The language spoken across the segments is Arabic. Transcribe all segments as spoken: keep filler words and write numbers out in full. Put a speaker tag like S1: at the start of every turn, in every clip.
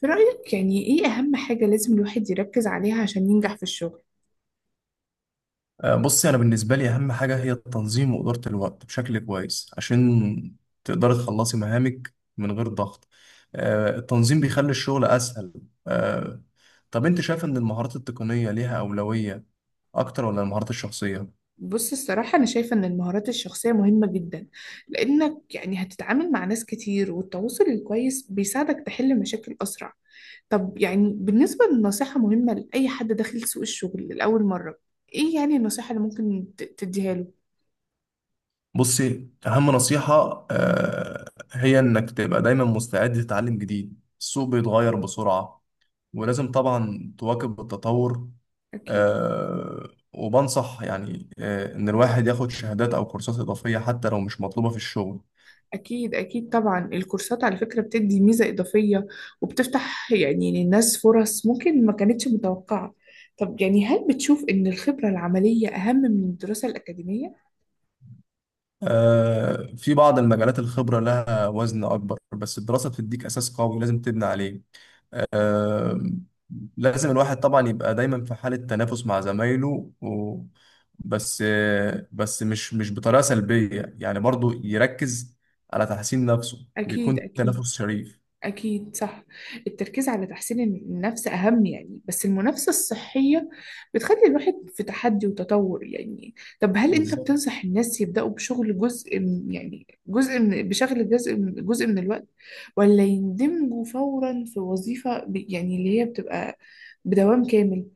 S1: في رأيك يعني إيه أهم حاجة لازم الواحد يركز عليها عشان ينجح في الشغل؟
S2: آه، بصي، أنا بالنسبة لي أهم حاجة هي التنظيم وإدارة الوقت بشكل كويس عشان تقدري تخلصي مهامك من غير ضغط. آه، التنظيم بيخلي الشغل أسهل. آه، طب أنت شايف إن المهارات التقنية ليها أولوية أكتر ولا المهارات الشخصية؟
S1: بص الصراحة أنا شايفة إن المهارات الشخصية مهمة جدا، لأنك يعني هتتعامل مع ناس كتير والتواصل الكويس بيساعدك تحل مشاكل أسرع. طب يعني بالنسبة للنصيحة مهمة لأي حد داخل سوق الشغل لأول مرة، إيه يعني النصيحة اللي ممكن ت- تديها له؟
S2: بصي، أهم نصيحة آه، هي إنك تبقى دايما مستعد تتعلم جديد. السوق بيتغير بسرعة ولازم طبعا تواكب التطور.
S1: أكيد.
S2: آه، وبنصح يعني آه، إن الواحد ياخد شهادات أو كورسات إضافية حتى لو مش مطلوبة في الشغل.
S1: أكيد أكيد طبعا، الكورسات على فكرة بتدي ميزة إضافية وبتفتح يعني للناس فرص ممكن ما كانتش متوقعة. طب يعني هل بتشوف إن الخبرة العملية أهم من الدراسة الأكاديمية؟
S2: آه، في بعض المجالات الخبرة لها وزن أكبر، بس الدراسة بتديك أساس قوي لازم تبني عليه. آه، لازم الواحد طبعا يبقى دايما في حالة تنافس مع زمايله و... بس آه، بس مش مش بطريقة سلبية، يعني برضو يركز على تحسين نفسه
S1: أكيد
S2: ويكون
S1: أكيد.
S2: تنافس شريف.
S1: أكيد صح. التركيز على تحسين النفس أهم يعني، بس المنافسة الصحية بتخلي الواحد في تحدي وتطور يعني. طب هل أنت
S2: بالظبط.
S1: بتنصح الناس يبدأوا بشغل جزء من- يعني جزء من بشغل جزء من جزء من الوقت، ولا يندمجوا فورا في وظيفة ب- يعني اللي هي بتبقى بدوام كامل؟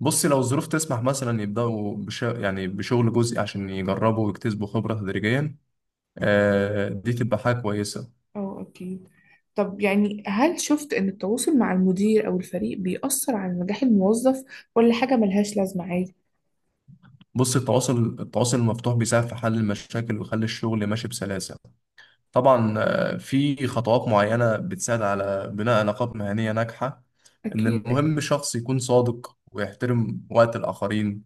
S2: بصي، لو الظروف تسمح مثلا يبدأوا بش... يعني بشغل جزئي عشان يجربوا ويكتسبوا خبرة تدريجيا. آه دي تبقى حاجة كويسة.
S1: أه أكيد. طب يعني هل شفت إن التواصل مع المدير أو الفريق بيأثر على نجاح الموظف ولا حاجة ملهاش لازمة عادي؟
S2: بصي، التواصل التواصل المفتوح بيساعد في حل المشاكل ويخلي الشغل ماشي بسلاسة. طبعا آه في خطوات معينة بتساعد على بناء علاقات مهنية ناجحة. إن
S1: أكيد
S2: المهم شخص يكون صادق ويحترم وقت الآخرين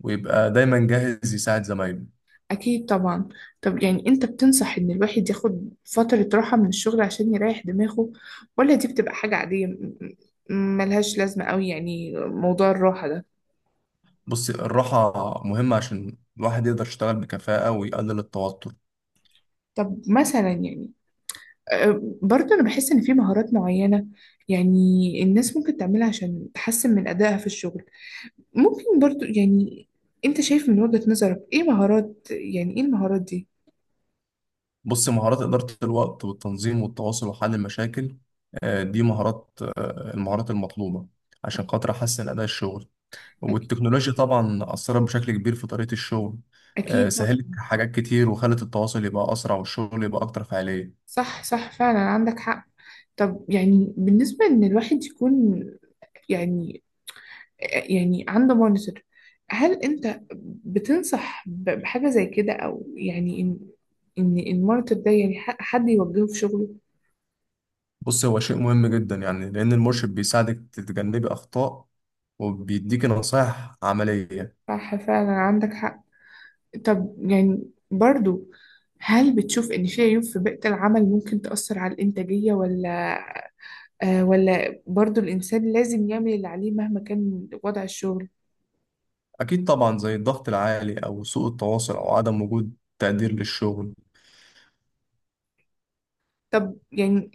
S2: ويبقى دايما جاهز يساعد زمايله.
S1: أكيد طبعا. طب يعني أنت بتنصح إن الواحد ياخد فترة راحة من الشغل عشان يريح دماغه، ولا دي بتبقى حاجة عادية م- م- ملهاش لازمة أوي يعني موضوع الراحة ده؟
S2: بصي، الراحة مهمة عشان الواحد يقدر يشتغل بكفاءة ويقلل التوتر.
S1: طب مثلا يعني آه، برضه أنا بحس إن في مهارات معينة يعني الناس ممكن تعملها عشان تحسن من أدائها في الشغل، ممكن برضه يعني أنت شايف من وجهة نظرك إيه مهارات، يعني إيه المهارات دي؟
S2: بص، مهارات إدارة الوقت والتنظيم والتواصل وحل المشاكل، آه، دي مهارات آه، المهارات المطلوبة عشان خاطر أحسن أداء الشغل.
S1: أكيد
S2: والتكنولوجيا طبعا أثرت بشكل كبير في طريقة الشغل. آه،
S1: أكيد.
S2: سهلت حاجات كتير وخلت التواصل يبقى أسرع والشغل يبقى أكتر فعالية.
S1: صح صح فعلا عندك حق. طب يعني بالنسبة إن الواحد يكون يعني يعني عنده مونيتور، هل أنت بتنصح ب- بحاجة زي كده، أو يعني إن إن المونيتور ده يعني ح- حد يوجهه في شغله؟
S2: بص، هو شيء مهم جدا، يعني لأن المرشد بيساعدك تتجنبي أخطاء وبيديكي نصائح عملية.
S1: صح فعلا عندك حق. طب يعني برضو هل بتشوف إن في عيوب في بيئة العمل ممكن تأثر على الإنتاجية، ولا آه ولا برضو الإنسان لازم يعمل اللي عليه مهما كان وضع الشغل؟
S2: أكيد طبعا، زي الضغط العالي أو سوء التواصل أو عدم وجود تقدير للشغل.
S1: طب يعني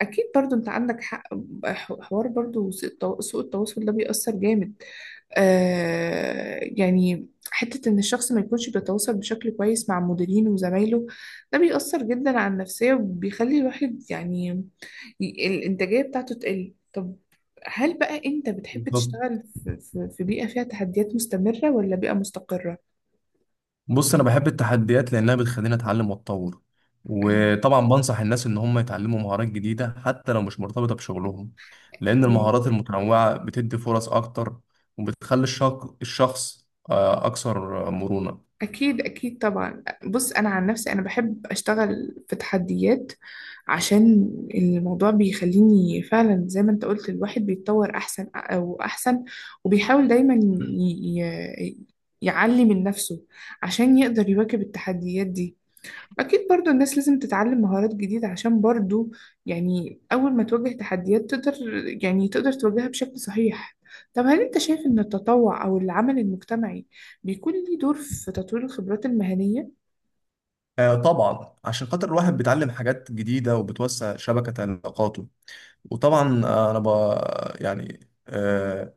S1: اكيد برضو انت عندك حق، ح- حوار برضو سوء التو- سوء التواصل ده بيأثر جامد. آه يعني حتة ان الشخص ما يكونش بيتواصل بشكل كويس مع مديرينه وزمايله، ده بيأثر جدا على النفسية وبيخلي الواحد يعني ي- الانتاجية بتاعته تقل. طب هل بقى انت بتحب
S2: بالظبط.
S1: تشتغل في في- في بيئة فيها تحديات مستمرة ولا بيئة مستقرة؟
S2: بص، انا بحب التحديات لانها بتخليني اتعلم واتطور. وطبعا بنصح الناس ان هم يتعلموا مهارات جديده حتى لو مش مرتبطه بشغلهم، لان
S1: أنا.
S2: المهارات المتنوعه بتدي فرص اكتر، وبتخلي الشخ- الشخص آه، اكثر مرونه.
S1: أكيد أكيد طبعا، بص أنا عن نفسي أنا بحب أشتغل في تحديات عشان الموضوع بيخليني فعلا زي ما أنت قلت الواحد بيتطور أحسن أو أحسن، وبيحاول دايما ي... ي... يعلي من نفسه عشان يقدر يواكب التحديات دي. أكيد برضو الناس لازم تتعلم مهارات جديدة عشان برضو يعني أول ما تواجه تحديات تقدر يعني تقدر تواجهها بشكل صحيح. طب هل أنت شايف إن التطوع أو العمل المجتمعي بيكون ليه دور في تطوير الخبرات المهنية؟
S2: آه، طبعا عشان خاطر الواحد بيتعلم حاجات جديده وبتوسع شبكه علاقاته. وطبعا آه، انا ب يعني آه،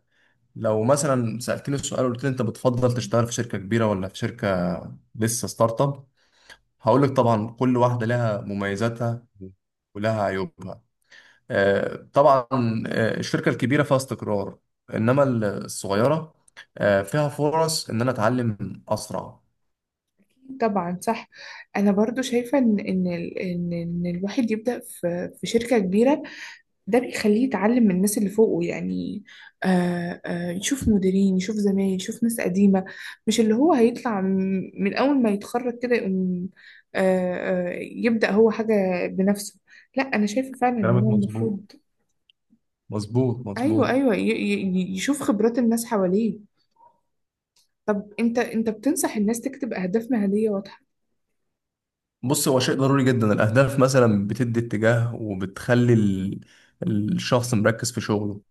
S2: لو مثلا سالتني السؤال قلت لي انت بتفضل تشتغل في شركه كبيره ولا في شركه لسه ستارت اب، هقول لك طبعا كل واحدة لها مميزاتها ولها عيوبها. آه، طبعا، آه، الشركة الكبيرة فيها استقرار، إنما الصغيرة آه، فيها فرص إن أنا أتعلم أسرع.
S1: طبعا صح. أنا برضو شايفة إن إن ال- إن إن الواحد يبدأ في في شركة كبيرة، ده بيخليه يتعلم من الناس اللي فوقه يعني، آه آه يشوف مديرين يشوف زمايل يشوف ناس قديمة، مش اللي هو هيطلع من من أول ما يتخرج كده يقوم آه آه يبدأ هو حاجة بنفسه. لا أنا شايفة فعلا إن
S2: كلامك
S1: هو
S2: مظبوط،
S1: المفروض.
S2: مظبوط
S1: أيوه
S2: مظبوط.
S1: أيوه ي- ي- يشوف خبرات الناس حواليه. طب أنت أنت بتنصح الناس تكتب أهداف مهنية واضحة.
S2: بص، هو شيء ضروري جدا. الأهداف مثلا بتدي اتجاه وبتخلي ال- الشخص مركز في شغله.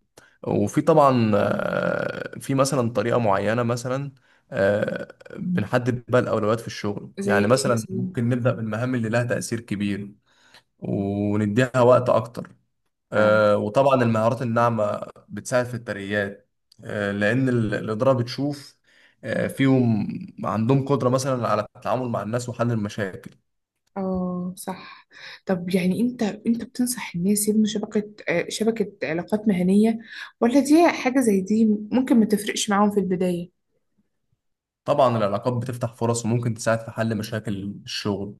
S2: وفي طبعا آه، في مثلا طريقة معينة. مثلا آه، بنحدد بقى الأولويات في الشغل،
S1: زي
S2: يعني
S1: إيه
S2: مثلا
S1: مثلا؟
S2: ممكن نبدأ بالمهام اللي لها تأثير كبير ونديها وقت أكتر. آه، وطبعا المهارات الناعمة بتساعد في الترقيات. آه، لأن ال- الإدارة بتشوف آه، فيهم عندهم قدرة مثلا على التعامل مع الناس وحل المشاكل.
S1: اه صح. طب يعني انت انت بتنصح الناس يبنوا شبكة آه، شبكة علاقات مهنية، ولا دي حاجة زي دي ممكن ما تفرقش معاهم في البداية؟
S2: طبعا العلاقات بتفتح فرص وممكن تساعد في حل مشاكل الشغل.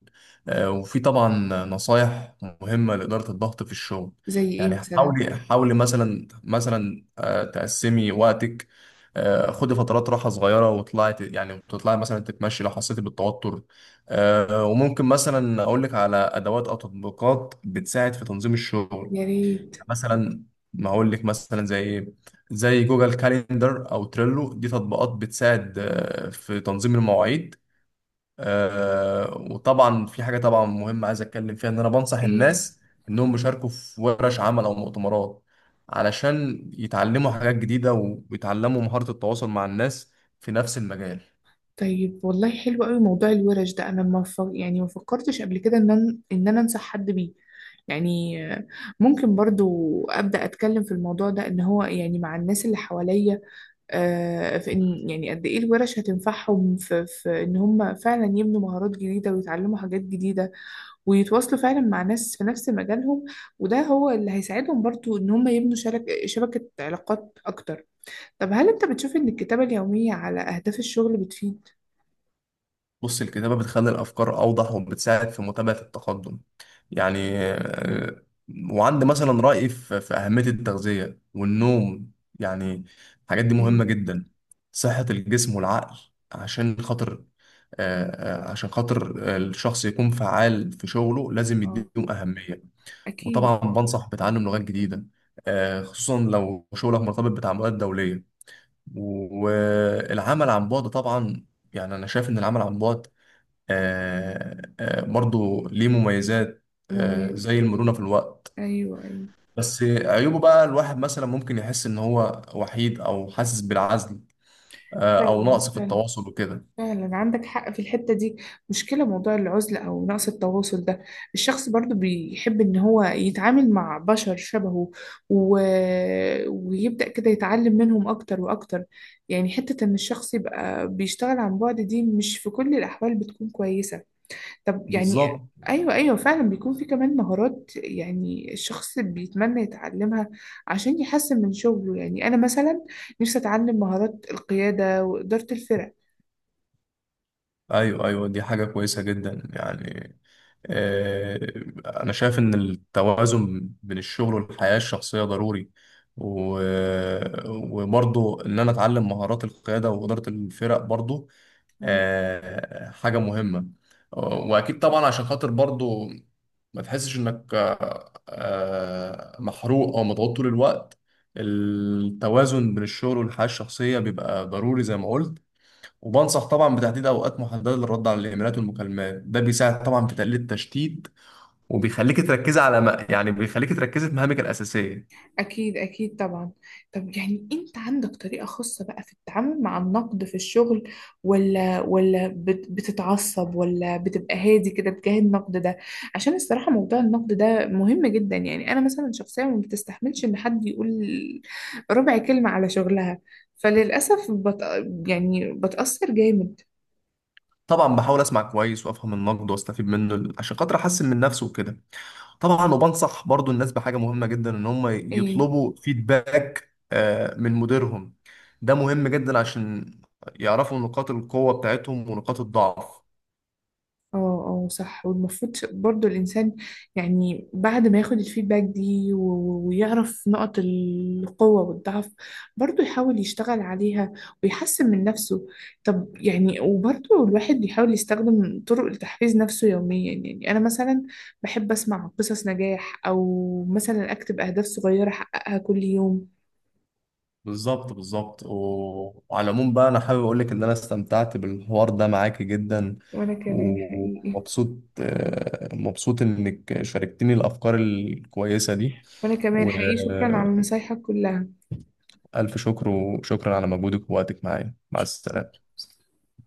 S2: آه، وفي طبعا نصايح مهمة لإدارة الضغط في الشغل.
S1: زي ايه
S2: يعني
S1: مثلا؟
S2: حاولي حاولي مثلا مثلا آه، تقسمي وقتك. آه، خدي فترات راحة صغيرة وطلعي ت- يعني تطلعي مثلا تتمشي لو حسيتي بالتوتر. آه، وممكن مثلا أقول لك على أدوات أو تطبيقات بتساعد في تنظيم الشغل.
S1: يا ريت.
S2: مثلا، ما اقول لك مثلا زي زي جوجل كاليندر او تريلو. دي تطبيقات بتساعد آه، في تنظيم المواعيد. آه، وطبعا في حاجه طبعا مهمه عايز اتكلم فيها، ان انا بنصح
S1: ايه؟
S2: الناس انهم يشاركوا في ورش عمل او مؤتمرات علشان يتعلموا حاجات جديده ويتعلموا مهاره التواصل مع الناس في نفس المجال.
S1: طيب والله حلو قوي موضوع الورش ده، انا ما ف... يعني ما فكرتش قبل كده ان انا ان انا انصح حد بيه، يعني آه، ممكن برضو ابدا اتكلم في الموضوع ده ان هو يعني مع الناس اللي حواليا، آه، في إن يعني قد إيه الورش هتنفعهم في, في إن هم فعلا يبنوا مهارات جديدة ويتعلموا حاجات جديدة ويتواصلوا فعلا مع ناس في نفس مجالهم، وده هو اللي هيساعدهم برضو إن هم يبنوا شبك شبكة علاقات أكتر. طب هل أنت بتشوف إن الكتابة اليومية على أهداف الشغل بتفيد؟
S2: بص، الكتابة بتخلي الأفكار أوضح وبتساعد في متابعة التقدم، يعني آه، وعندي مثلا رأي في في أهمية التغذية والنوم، يعني الحاجات دي مهمة
S1: ايه.
S2: جدا صحة الجسم والعقل. عشان خاطر آه، آه، عشان خاطر آه، الشخص يكون فعال في شغله لازم
S1: اه.
S2: يديهم أهمية.
S1: أكيد.
S2: وطبعا بنصح بتعلم لغات جديدة، آه، خصوصا لو شغلك مرتبط بتعاملات دولية. والعمل عن بعد طبعا، يعني انا شايف ان العمل عن بعد آه، آه، برضو ليه مميزات، آه،
S1: مميز.
S2: زي المرونة في الوقت.
S1: أيوه أيوه.
S2: بس عيوبه بقى الواحد مثلا ممكن يحس ان هو وحيد او حاسس بالعزل، آه، او
S1: فعلا
S2: نقص في
S1: فعلا.
S2: التواصل وكده.
S1: فعلا عندك حق في الحتة دي، مشكلة موضوع العزلة أو نقص التواصل ده، الشخص برضو بيحب إن هو يتعامل مع بشر شبهه، و... ويبدأ كده يتعلم منهم أكتر وأكتر، يعني حتة إن الشخص يبقى بيشتغل عن بعد دي مش في كل الأحوال بتكون كويسة. طب يعني
S2: بالظبط.
S1: أيوة أيوة فعلا، بيكون في كمان مهارات يعني الشخص بيتمنى يتعلمها عشان يحسن من شغله، يعني أنا مثلا نفسي أتعلم مهارات القيادة وإدارة الفرق.
S2: ايوه ايوه، دي حاجة كويسة جدا، يعني آه، انا شايف ان التوازن بين الشغل والحياة الشخصية ضروري. و... وبرضو ان انا اتعلم مهارات القيادة وإدارة الفرق برضو آه، حاجة مهمة. وأكيد طبعا عشان خاطر برضو ما تحسش إنك آه، آه، محروق أو مضغوط طول الوقت. التوازن بين الشغل والحياة الشخصية بيبقى ضروري زي ما قلت. وبنصح طبعا بتحديد أوقات محددة للرد على الإيميلات والمكالمات، ده بيساعد طبعا في تقليل التشتيت وبيخليك تركزي على ما، يعني بيخليك تركزي في مهامك الأساسية.
S1: أكيد أكيد طبعا. طب يعني أنت عندك طريقة خاصة بقى في التعامل مع النقد في الشغل، ولا ولا بت- بتتعصب ولا بتبقى هادي كده تجاه النقد ده؟ عشان الصراحة موضوع النقد ده مهم جدا يعني، أنا مثلا شخصيا ما بتستحملش إن حد يقول ربع كلمة على شغلها، فللأسف بت... يعني بتأثر جامد.
S2: طبعا بحاول أسمع كويس وأفهم النقد وأستفيد منه عشان خاطر أحسن من نفسي وكده. طبعا، وبنصح برضو الناس بحاجة مهمة جدا، ان هم
S1: إيه؟
S2: يطلبوا فيدباك آه، من مديرهم. ده مهم جدا عشان يعرفوا نقاط القوة بتاعتهم ونقاط الضعف.
S1: اه اه صح. والمفروض برضو الإنسان يعني بعد ما ياخد الفيدباك دي و- و- ويعرف نقط القوة والضعف برضو يحاول يشتغل عليها ويحسن من نفسه. طب يعني وبرضو الواحد بيحاول يستخدم طرق لتحفيز نفسه يوميا، يعني أنا مثلا بحب أسمع قصص نجاح أو مثلا أكتب أهداف صغيرة أحققها كل يوم.
S2: بالظبط بالظبط. و- وعلى العموم بقى انا حابب اقول لك ان انا استمتعت بالحوار ده معاكي جدا،
S1: وأنا كمان حقيقي.
S2: ومبسوط آه، مبسوط انك شاركتني الافكار الكويسة دي.
S1: وأنا كمان حقيقي شكرا
S2: والف
S1: على نصايحك كلها.
S2: شكر، وشكرا على مجهودك ووقتك معايا. مع السلامة.